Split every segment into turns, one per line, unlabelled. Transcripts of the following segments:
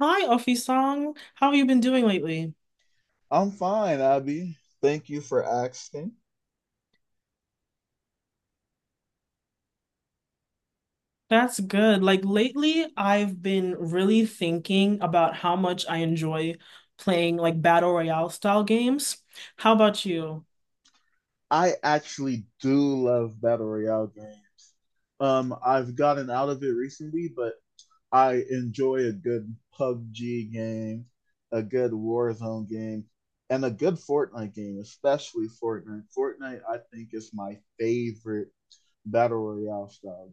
Hi, Ofi-san. How have you been doing lately?
I'm fine, Abby. Thank you for asking.
That's good. Lately, I've been really thinking about how much I enjoy playing battle royale style games. How about you?
I actually do love battle royale games. I've gotten out of it recently, but I enjoy a good PUBG game, a good Warzone game, and a good Fortnite game, especially Fortnite. Fortnite, I think, is my favorite battle royale style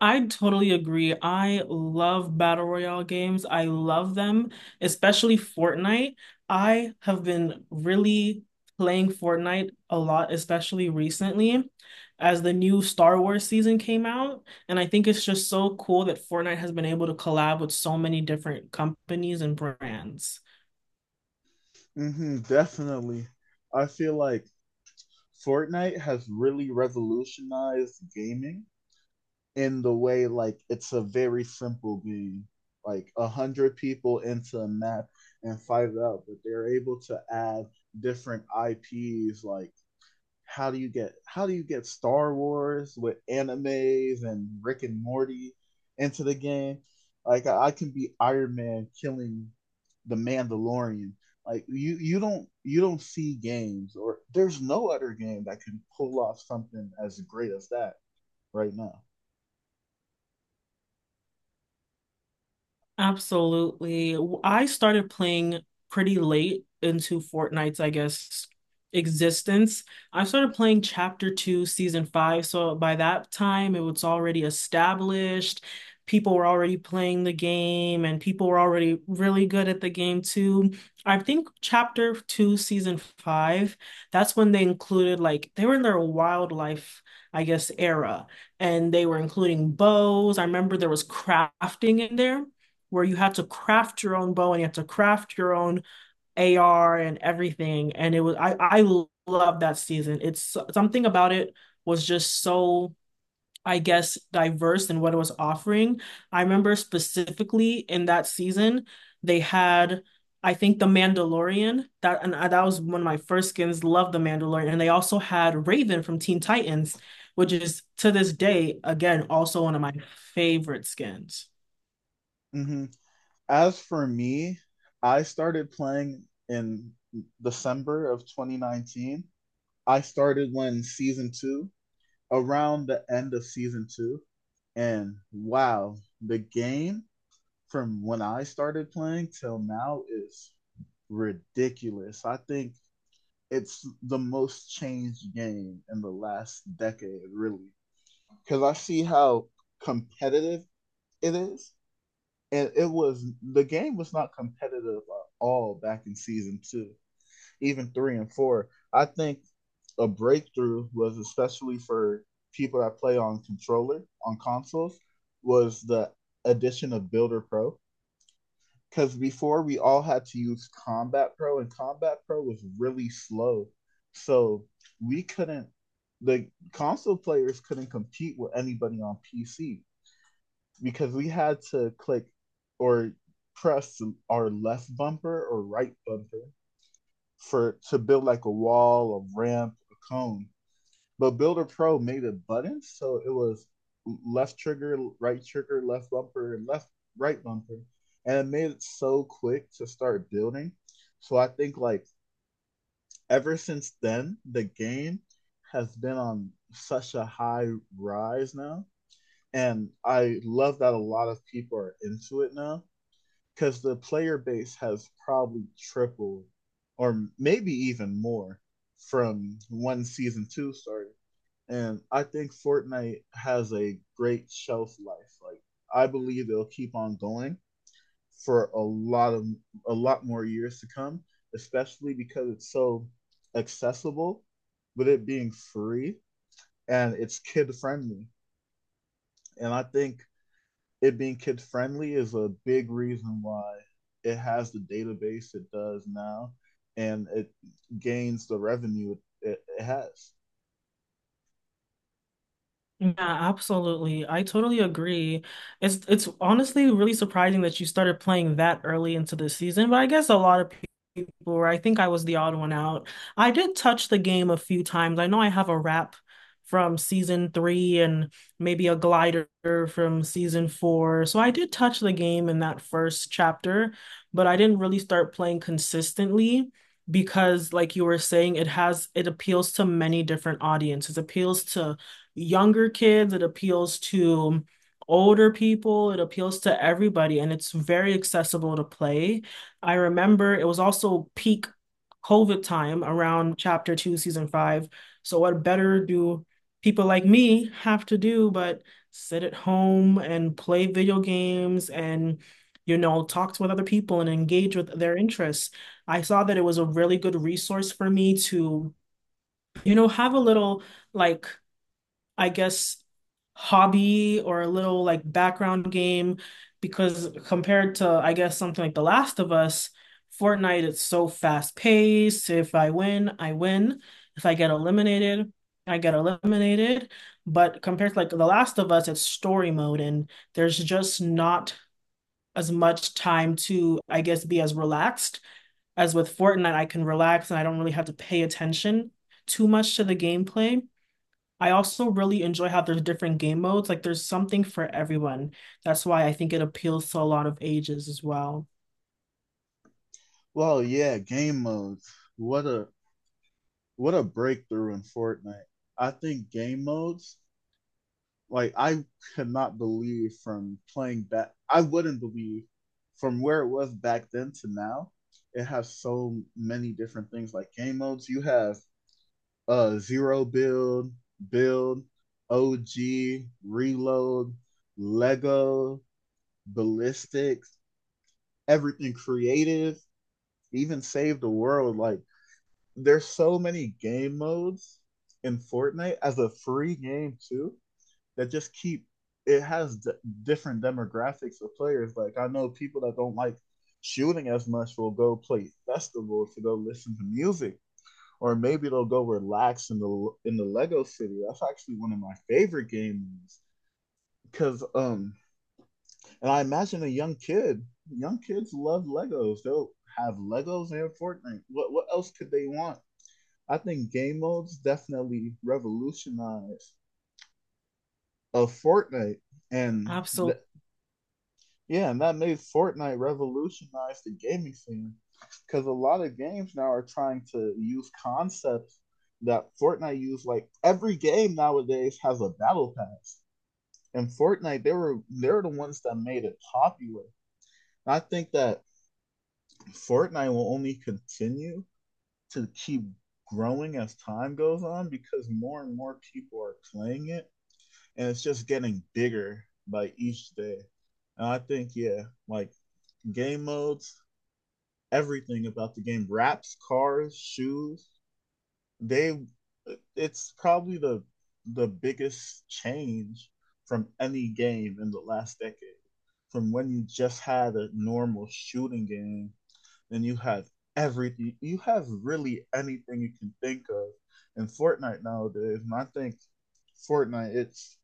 I totally agree. I love battle royale games. I love them, especially Fortnite. I have been really playing Fortnite a lot, especially recently, as the new Star Wars season came out. And I think it's just so cool that Fortnite has been able to collab with so many different companies and brands.
game. Hmm, definitely. I feel like Fortnite has really revolutionized gaming in the way like it's a very simple game like 100 people into a map and fight it out, but they're able to add different IPs. Like how do you get Star Wars with animes and Rick and Morty into the game? Like I can be Iron Man killing the Mandalorian. Like you don't see games, or there's no other game that can pull off something as great as that right now.
Absolutely. I started playing pretty late into Fortnite's, I guess, existence. I started playing Chapter 2, Season 5, so by that time it was already established. People were already playing the game and people were already really good at the game too. I think Chapter 2, Season 5, that's when they included like they were in their wildlife, I guess, era, and they were including bows. I remember there was crafting in there where you had to craft your own bow and you had to craft your own AR and everything. And it was I love that season. It's so, something about it was just so, I guess, diverse in what it was offering. I remember specifically in that season they had, I think, The Mandalorian that was one of my first skins. Loved The Mandalorian, and they also had Raven from Teen Titans, which is, to this day, again, also one of my favorite skins.
Mm-hmm. As for me, I started playing in December of 2019. I started when season two, around the end of season two. And wow, the game from when I started playing till now is ridiculous. I think it's the most changed game in the last decade, really. Because I see how competitive it is, and it was the game was not competitive at all back in season two, even three and four. I think a breakthrough, was especially for people that play on controller on consoles, was the addition of Builder Pro. Because before we all had to use Combat Pro, and Combat Pro was really slow, so we couldn't. The console players couldn't compete with anybody on PC because we had to click or press our left bumper or right bumper for to build like a wall, a ramp, a cone. But Builder Pro made it buttons, so it was left trigger, right trigger, left bumper, and left right bumper, and it made it so quick to start building. So I think like ever since then, the game has been on such a high rise now, and I love that a lot of people are into it now because the player base has probably tripled or maybe even more from when season two started. And I think Fortnite has a great shelf life. Like I believe it will keep on going for a lot of a lot more years to come, especially because it's so accessible with it being free and it's kid friendly. And I think it being kid friendly is a big reason why it has the database it does now and it gains the revenue it has.
Yeah, absolutely. I totally agree. It's honestly really surprising that you started playing that early into the season, but I guess a lot of people were. I think I was the odd one out. I did touch the game a few times. I know I have a wrap from season three and maybe a glider from season four. So I did touch the game in that first chapter, but I didn't really start playing consistently. Because like you were saying, it appeals to many different audiences. It appeals to younger kids, it appeals to older people, it appeals to everybody, and it's very accessible to play. I remember it was also peak COVID time around chapter two, season five. So, what better do people like me have to do but sit at home and play video games and, you know, talk with other people and engage with their interests. I saw that it was a really good resource for me to, you know, have a little, like I guess, hobby or a little, like, background game. Because compared to, I guess, something like The Last of Us, Fortnite is so fast paced. If I win, I win. If I get eliminated, I get eliminated. But compared to like The Last of Us, it's story mode, and there's just not as much time to, I guess, be as relaxed as with Fortnite. I can relax and I don't really have to pay attention too much to the gameplay. I also really enjoy how there's different game modes. Like, there's something for everyone. That's why I think it appeals to a lot of ages as well.
Well, yeah, game modes. What a what a breakthrough in Fortnite. I think game modes, like I could not believe from playing back I wouldn't believe from where it was back then to now, it has so many different things like game modes. You have zero build, build, OG, reload, Lego, ballistics, everything creative, even save the world. Like there's so many game modes in Fortnite as a free game too that just keep it has different demographics of players. Like I know people that don't like shooting as much will go play festivals to go listen to music, or maybe they'll go relax in the Lego City. That's actually one of my favorite games because and I imagine a young kid, young kids love Legos. They'll have Legos and Fortnite. What else could they want? I think game modes definitely revolutionized a Fortnite, and
Absolutely.
yeah, and that made Fortnite revolutionize the gaming scene because a lot of games now are trying to use concepts that Fortnite used. Like every game nowadays has a battle pass, and Fortnite they're the ones that made it popular. And I think that Fortnite will only continue to keep growing as time goes on because more and more people are playing it, and it's just getting bigger by each day. And I think, yeah, like game modes, everything about the game, wraps, cars, shoes, they it's probably the biggest change from any game in the last decade. From when you just had a normal shooting game, then you have everything, you have really anything you can think of in Fortnite nowadays. And I think Fortnite, it's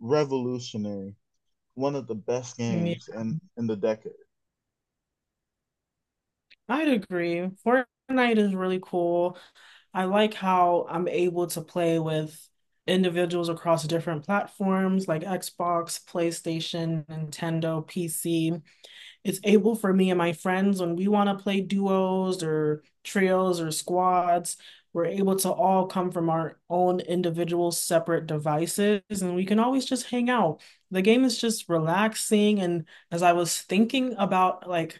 revolutionary, one of the best games in the decade.
I'd agree. Fortnite is really cool. I like how I'm able to play with individuals across different platforms like Xbox, PlayStation, Nintendo, PC. It's able for me and my friends, when we want to play duos or trios or squads, we're able to all come from our own individual separate devices, and we can always just hang out. The game is just relaxing. And as I was thinking about, like,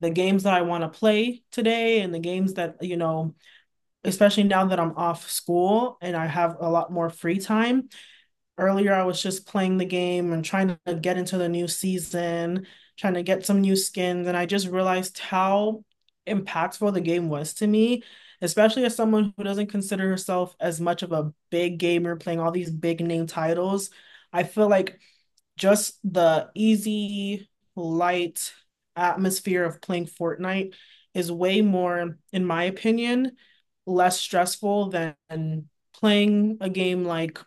the games that I want to play today and the games that, you know, especially now that I'm off school and I have a lot more free time. Earlier, I was just playing the game and trying to get into the new season, trying to get some new skins, and I just realized how impactful the game was to me, especially as someone who doesn't consider herself as much of a big gamer playing all these big name titles. I feel like just the easy, light atmosphere of playing Fortnite is way more, in my opinion, less stressful than playing a game like,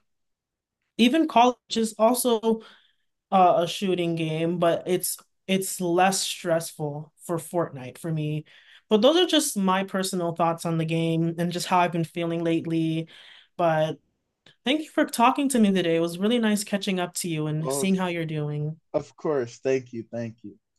even college is also a shooting game, but it's less stressful for Fortnite for me. But those are just my personal thoughts on the game and just how I've been feeling lately. But thank you for talking to me today. It was really nice catching up to you and seeing
Of
how you're doing.
course, thank you, thank you.